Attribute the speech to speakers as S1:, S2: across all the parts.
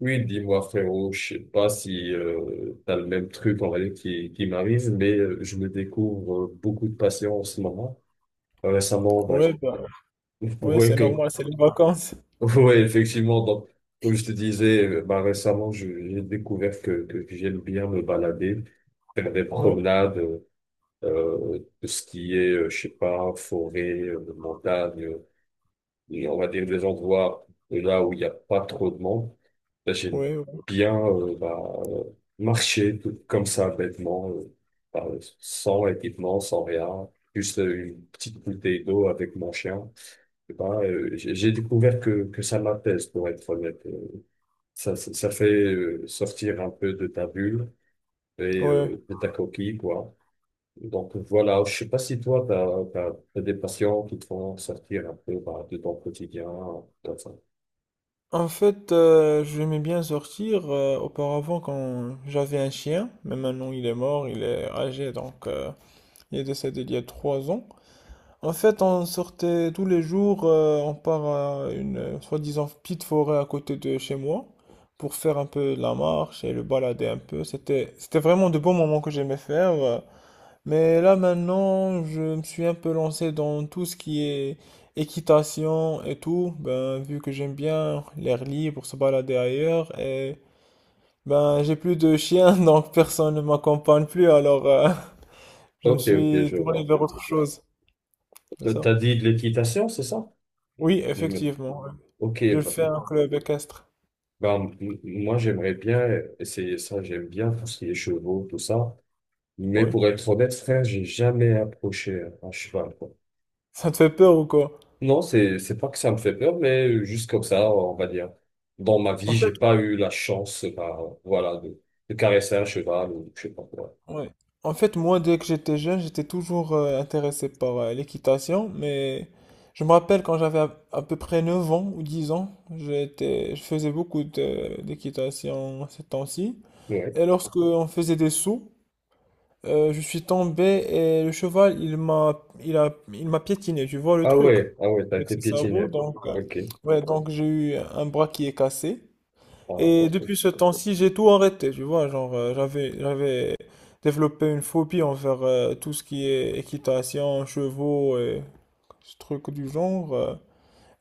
S1: Oui, dis-moi frérot, je sais pas si t'as le même truc en vrai qui m'arrive, mais je me découvre beaucoup de patients en ce moment. Récemment, bah,
S2: Ouais, bah, ouais,
S1: ouais,
S2: c'est normal, c'est les vacances.
S1: ouais, effectivement, donc, comme je te disais, bah, récemment, j'ai découvert que j'aime bien me balader, faire des
S2: Ouais,
S1: promenades, tout ce qui est, je sais pas, forêt, montagne. Et on va dire des endroits là où il n'y a pas trop de monde. Là, j'aime
S2: ouais, ouais.
S1: bien bah, marcher tout comme ça, bêtement, bah, sans équipement, sans rien. Juste une petite bouteille d'eau avec mon chien. Et bah, j'ai découvert que ça m'apaise, pour être honnête. Ça fait sortir un peu de ta bulle et
S2: Ouais.
S1: de ta coquille, quoi. Donc voilà, je sais pas si toi, t'as des patients qui te font sortir un peu bah, de ton quotidien, comme ça.
S2: En fait, j'aimais bien sortir auparavant quand j'avais un chien, mais maintenant il est mort, il est âgé, donc il est décédé il y a 3 ans. En fait, on sortait tous les jours, on part à une soi-disant petite forêt à côté de chez moi pour faire un peu de la marche et le balader un peu. C'était vraiment de beaux moments que j'aimais faire. Mais là maintenant, je me suis un peu lancé dans tout ce qui est équitation et tout, ben vu que j'aime bien l'air libre, se balader ailleurs et ben j'ai plus de chien donc personne ne m'accompagne plus alors je me
S1: Ok, ok,
S2: suis
S1: je
S2: tourné
S1: vois.
S2: vers autre chose, c'est ça?
S1: T'as dit de l'équitation, c'est ça?
S2: Oui,
S1: Je me-.
S2: effectivement. Ouais.
S1: Ok,
S2: Je
S1: bah,
S2: fais un club équestre.
S1: moi j'aimerais bien essayer ça, j'aime bien tout ce qui est chevaux, tout ça. Mais
S2: Oui.
S1: pour être honnête, frère, j'ai jamais approché un cheval, quoi.
S2: Ça te fait peur ou quoi?
S1: Non, c'est pas que ça me fait peur, mais juste comme ça, on va dire. Dans ma
S2: En
S1: vie,
S2: fait,
S1: j'ai pas eu la chance, bah, voilà, de caresser un cheval ou je sais pas quoi.
S2: ouais. En fait, moi, dès que j'étais jeune, j'étais toujours intéressé par l'équitation, mais je me rappelle quand j'avais à peu près 9 ans ou 10 ans, je faisais beaucoup d'équitation ces temps-ci.
S1: Ouais.
S2: Et lorsque on faisait des sauts, je suis tombé et le cheval, il m'a piétiné, tu vois le
S1: Ah
S2: truc,
S1: ouais, ah ouais, t'as
S2: avec
S1: été
S2: ses
S1: piétiné.
S2: sabots. Donc,
S1: Ok.
S2: ouais, donc j'ai eu un bras qui est cassé.
S1: Ah,
S2: Et
S1: ok.
S2: depuis ce temps-ci, j'ai tout arrêté, tu vois, genre j'avais développé une phobie envers tout ce qui est équitation, chevaux et ce truc du genre.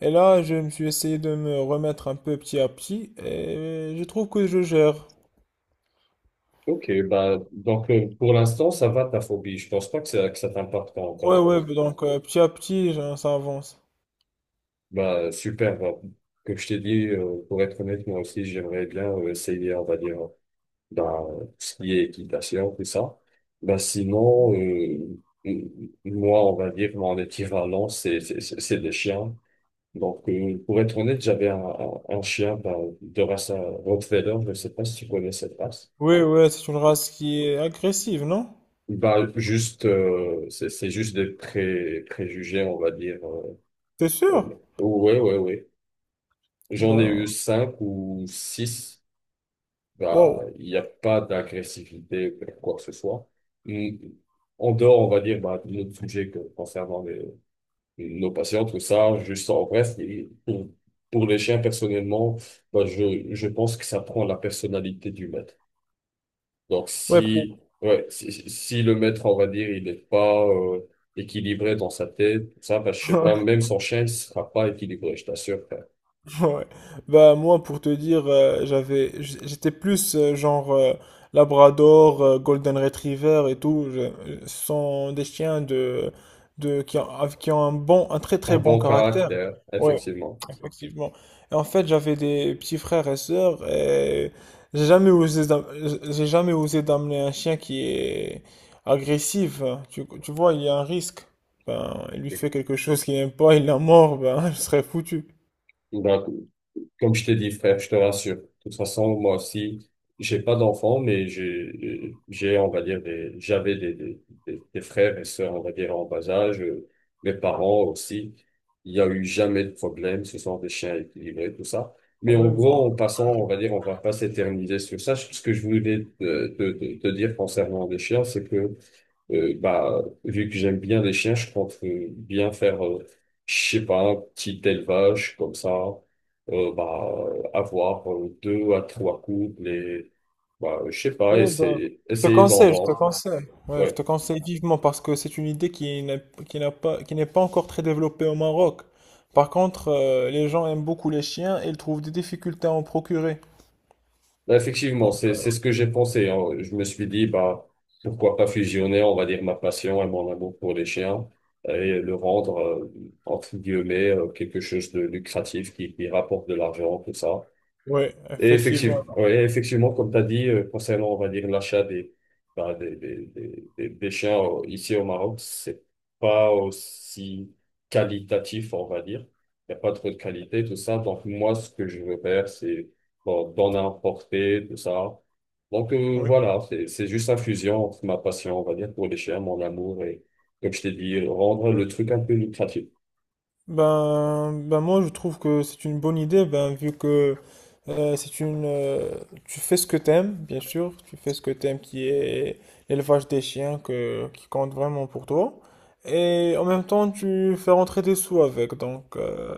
S2: Et là, je me suis essayé de me remettre un peu petit à petit et je trouve que je gère.
S1: Ok, bah, donc pour l'instant, ça va ta phobie. Je pense pas que ça t'impacte
S2: Ouais,
S1: encore.
S2: ouais, donc petit à petit, genre, ça avance.
S1: Bah, super. Bah, comme je t'ai dit, pour être honnête, moi aussi, j'aimerais bien essayer, on va dire, dans ce qui est équitation, tout ça. Bah, sinon, m- moi, on va dire, mon équivalent, c'est des chiens. Donc, pour être honnête, j'avais un chien bah, de race Rottweiler. Je sais pas si tu connais cette race.
S2: Oui, ouais, c'est une race qui est agressive, non?
S1: Bah, juste, c'est juste des préjugés, on va dire.
S2: T'es sûr?
S1: Ouais, ouais, ouais. J'en ai eu
S2: Ben,
S1: cinq ou six. Bah,
S2: wow.
S1: il n'y a pas d'agressivité ou quoi que ce soit. Mm. En dehors, on va dire, bah, de notre sujet concernant nos patients, tout ça, juste en bref, et pour les chiens, personnellement, bah, je pense que ça prend la personnalité du maître. Donc,
S2: Ouais, pour...
S1: si, ouais, si le maître, on va dire, il n'est pas équilibré dans sa tête, ça, bah, je sais pas, même son chien, il sera pas équilibré, je t'assure, frère.
S2: Ouais. Bah moi pour te dire j'avais j'étais plus genre Labrador, Golden Retriever et tout, ce sont des chiens de qui ont, qui ont un bon un très
S1: Un
S2: très bon
S1: bon
S2: caractère.
S1: caractère,
S2: Ouais,
S1: effectivement.
S2: effectivement. Et en fait, j'avais des petits frères et sœurs et j'ai jamais osé d'am- j'ai jamais osé d'amener un chien qui est agressif. Tu vois, il y a un risque. Ben, il lui
S1: Ok.
S2: fait quelque chose qu'il n'aime pas, il l'a mort, ben je serais foutu.
S1: Donc, comme je t'ai dit, frère, je te rassure. De toute façon, moi aussi, j'ai pas d'enfants, mais on va dire, j'avais des frères et sœurs, on va dire, en bas âge. Mes parents aussi. Il y a eu jamais de problème. Ce sont des chiens équilibrés, tout ça. Mais en
S2: Ouais,
S1: gros,
S2: non.
S1: en passant, on va dire, on va pas s'éterniser sur ça. Ce que je voulais te dire concernant les chiens, c'est que bah, vu que j'aime bien les chiens, je compte bien faire, je sais pas, un petit élevage comme ça, bah, avoir deux à trois couples et, bah, je sais pas,
S2: Ouais, ben,
S1: essayer d'en
S2: je te
S1: vendre.
S2: conseille. Ouais, je
S1: Ouais.
S2: te conseille vivement parce que c'est une idée qui n'est pas encore très développée au Maroc. Par contre, les gens aiment beaucoup les chiens et ils trouvent des difficultés à en procurer.
S1: Bah, effectivement,
S2: Donc,
S1: c'est ce que j'ai pensé, hein. Je me suis dit, bah, pourquoi pas fusionner, on va dire, ma passion et mon amour pour les chiens et le rendre, entre guillemets, quelque chose de lucratif qui rapporte de l'argent, tout ça.
S2: ouais,
S1: Et
S2: effectivement.
S1: effectivement, ouais, effectivement, comme tu as dit, concernant, on va dire, l'achat bah, des chiens ici au Maroc, c'est pas aussi qualitatif, on va dire. Il n'y a pas trop de qualité, tout ça. Donc, moi, ce que je veux faire, c'est bon, d'en importer, tout ça. Donc,
S2: Oui.
S1: voilà, c'est juste un fusion entre ma passion, on va dire, pour les chiens, mon amour et, comme je t'ai dit, rendre le truc un peu lucratif.
S2: Ben, ben moi je trouve que c'est une bonne idée ben vu que c'est une tu fais ce que t'aimes bien sûr tu fais ce que t'aimes qui est l'élevage des chiens que qui compte vraiment pour toi et en même temps tu fais rentrer des sous avec donc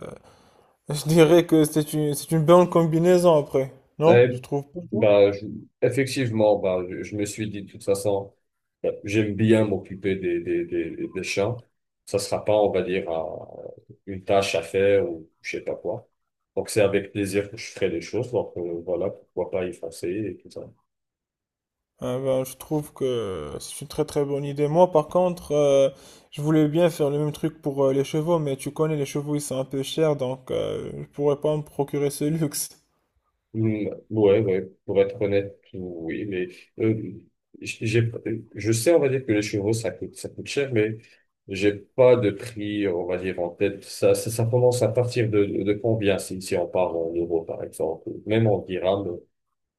S2: je dirais que c'est une bonne combinaison après non
S1: Eh,
S2: je trouve pas.
S1: bah, effectivement, bah, je me suis dit, de toute façon, bah, j'aime bien m'occuper des chiens. Ça sera pas, on va dire, une tâche à faire ou je sais pas quoi. Donc, c'est avec plaisir que je ferai les choses. Donc, voilà, pourquoi pas y foncer et tout ça.
S2: Ah ben, je trouve que c'est une très très bonne idée. Moi, par contre, je voulais bien faire le même truc pour les chevaux, mais tu connais, les chevaux, ils sont un peu chers, donc je pourrais pas me procurer ce luxe.
S1: Hmm, ouais, ouais, pour être honnête, oui, mais euh, j'ai, je sais, on va dire que les chevaux, ça coûte cher, mais j'ai pas de prix, on va dire, en tête. Ça commence à partir de combien, si on parle en euros, par exemple, ou même en dirhams,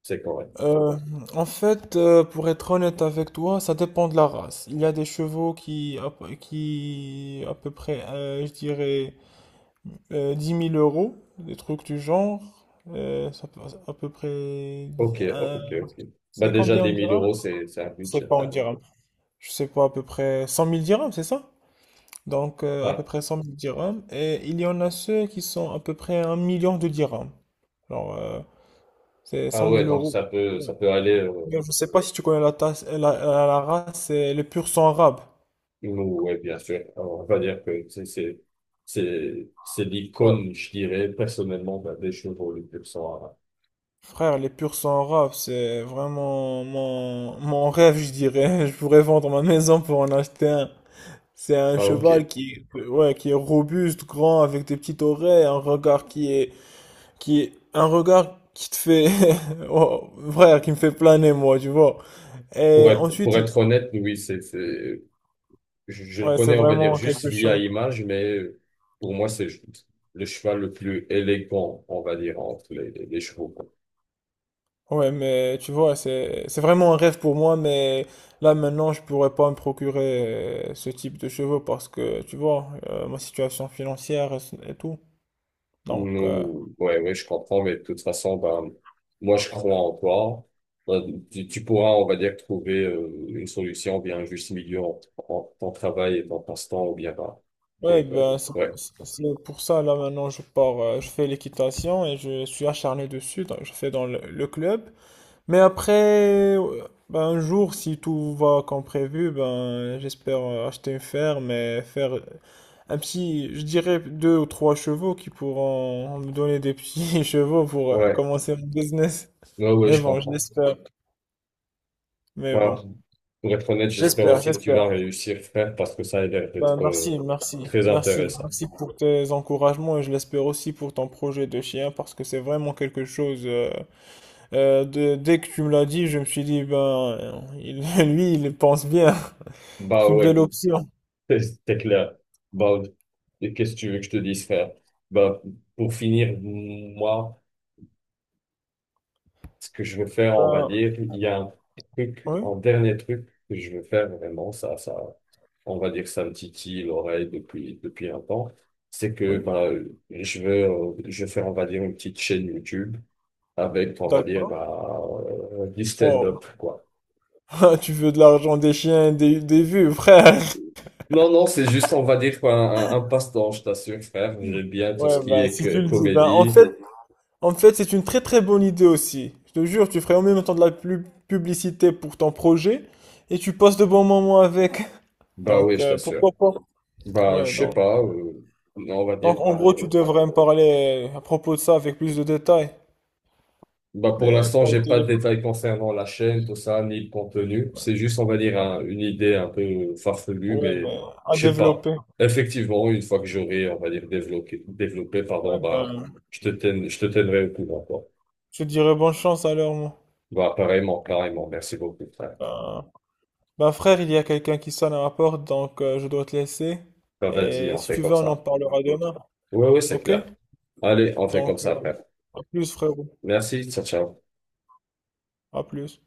S1: c'est correct.
S2: Euh, en fait, pour être honnête avec toi, ça dépend de la race. Il y a des chevaux qui à peu près, je dirais, 10 000 euros, des trucs du genre. Ça peut- à peu près... dix-
S1: Ok, ok, ok. Bah,
S2: c'est
S1: déjà,
S2: combien on
S1: des 1000
S2: dira?
S1: euros, c'est un
S2: C'est
S1: budget.
S2: pas on
S1: Ah,
S2: dira. Je sais pas, à peu près 100 000 dirhams, c'est ça? Donc, à peu
S1: ouais.
S2: près 100 000 dirhams. Et il y en a ceux qui sont à peu près un million de dirhams. Alors, c'est
S1: Ah
S2: 100 000
S1: ouais, donc
S2: euros. Ouais.
S1: ça peut aller.
S2: D'ailleurs, je sais pas si tu connais la, tasse- la- la race, c'est le pur sang arabe.
S1: Oui, bien sûr. Alors, on va dire que c'est
S2: Ouais.
S1: l'icône, je dirais personnellement ben, des chevaux les plus à...
S2: Frère, les pur sang arabe, c'est vraiment mon rêve, je dirais. Je pourrais vendre ma maison pour en acheter un. C'est un
S1: Ah, ok.
S2: cheval qui est robuste, grand, avec des petites oreilles, un regard qui est un regard qui te fait oh, frère, qui me fait planer moi tu vois
S1: Pour
S2: et
S1: être
S2: ensuite
S1: pour
S2: il
S1: être honnête, oui, c'est je le
S2: ouais c'est
S1: connais, on va dire
S2: vraiment
S1: juste
S2: quelque
S1: via
S2: chose.
S1: image, mais pour moi c'est le cheval le plus élégant, on va dire entre les chevaux.
S2: Ouais mais tu vois c'est vraiment un rêve pour moi mais là maintenant je pourrais pas me procurer ce type de cheveux parce que tu vois ma situation financière et tout donc
S1: Nous, ouais, ouais, je comprends, mais de toute façon, ben, moi, je crois en toi. Ben, tu pourras, on va dire, trouver une solution, bien un juste milieu entre ton travail et ton passe-temps, ou bien, ben,
S2: ouais
S1: et,
S2: ben
S1: ouais,
S2: c'est pour ça là maintenant je pars je fais l'équitation et je suis acharné dessus donc, je fais dans le club. Mais après, ben, un jour, si tout va comme prévu, ben, j'espère acheter une ferme et faire un petit, je dirais deux ou trois chevaux qui pourront me donner des petits chevaux pour
S1: ouais,
S2: commencer mon business.
S1: ouais, ouais,
S2: Mais
S1: je
S2: bon, je
S1: comprends.
S2: l'espère. Mais
S1: Ben,
S2: bon,
S1: pour être honnête, j'espère
S2: j'espère,
S1: aussi que tu
S2: j'espère.
S1: vas réussir, frère, parce que ça a l'air
S2: Ben,
S1: d'être
S2: merci, merci,
S1: très
S2: merci.
S1: intéressant.
S2: Merci pour tes encouragements et je l'espère aussi pour ton projet de chien parce que c'est vraiment quelque chose. Dès que tu me l'as dit, je me suis dit, ben, lui, il pense bien.
S1: Bah
S2: C'est une
S1: ouais,
S2: belle option.
S1: c'est clair. Bah, et qu'est-ce que tu veux que je te dise, frère? Bah, pour finir, moi, ce que je veux faire, on va
S2: Ben,
S1: dire, il y a un truc,
S2: oui,
S1: un dernier truc que je veux faire vraiment, ça, on va dire, ça me titille l'oreille depuis un temps, c'est que,
S2: oui,
S1: bah, je vais faire, on va dire, une petite chaîne YouTube avec, on va dire,
S2: d'accord.
S1: bah, du stand-up,
S2: Wow.
S1: quoi.
S2: Tu veux de l'argent des chiens, des vues, frère.
S1: Non, non, c'est juste, on va dire, quoi, un passe-temps, je t'assure, frère. J'aime bien tout ce
S2: Ouais,
S1: qui
S2: ben,
S1: est
S2: si
S1: que,
S2: tu le dis. Ben,
S1: comédie.
S2: en fait, c'est une très très bonne idée aussi. Je te jure, tu ferais en même temps de la publicité pour ton projet et tu passes de bons moments avec.
S1: Bah oui,
S2: Donc,
S1: je t'assure.
S2: pourquoi pas?
S1: Bah,
S2: Ouais,
S1: je sais pas, on va dire,
S2: donc, en
S1: bah.
S2: gros, tu devrais me parler à propos de ça avec plus de détails.
S1: Bah pour
S2: Mais
S1: l'instant,
S2: pas au
S1: j'ai pas de
S2: téléphone.
S1: détails concernant la chaîne, tout ça, ni le contenu. C'est juste, on va dire,
S2: Ouais,
S1: une idée un peu farfelue,
S2: ouais,
S1: mais
S2: mais à
S1: je sais pas.
S2: développer.
S1: Effectivement, une fois que j'aurai, on va dire, développé, développé, pardon,
S2: Ouais,
S1: bah,
S2: ben,
S1: je te tiendrai au courant, quoi.
S2: je te dirais bonne chance alors, moi.
S1: Bah, pareillement, pareillement. Merci beaucoup, frère.
S2: Ben, ben frère, il y a quelqu'un qui sonne à ma porte, donc je dois te laisser.
S1: Bah, vas-y,
S2: Et
S1: on
S2: si
S1: fait
S2: tu
S1: comme
S2: veux, on en
S1: ça.
S2: parlera demain.
S1: Ouais, ouais, c'est
S2: Ok?
S1: clair. Allez, on fait comme
S2: Donc,
S1: ça, frère.
S2: à plus frérot.
S1: Merci, ciao, ciao.
S2: À plus.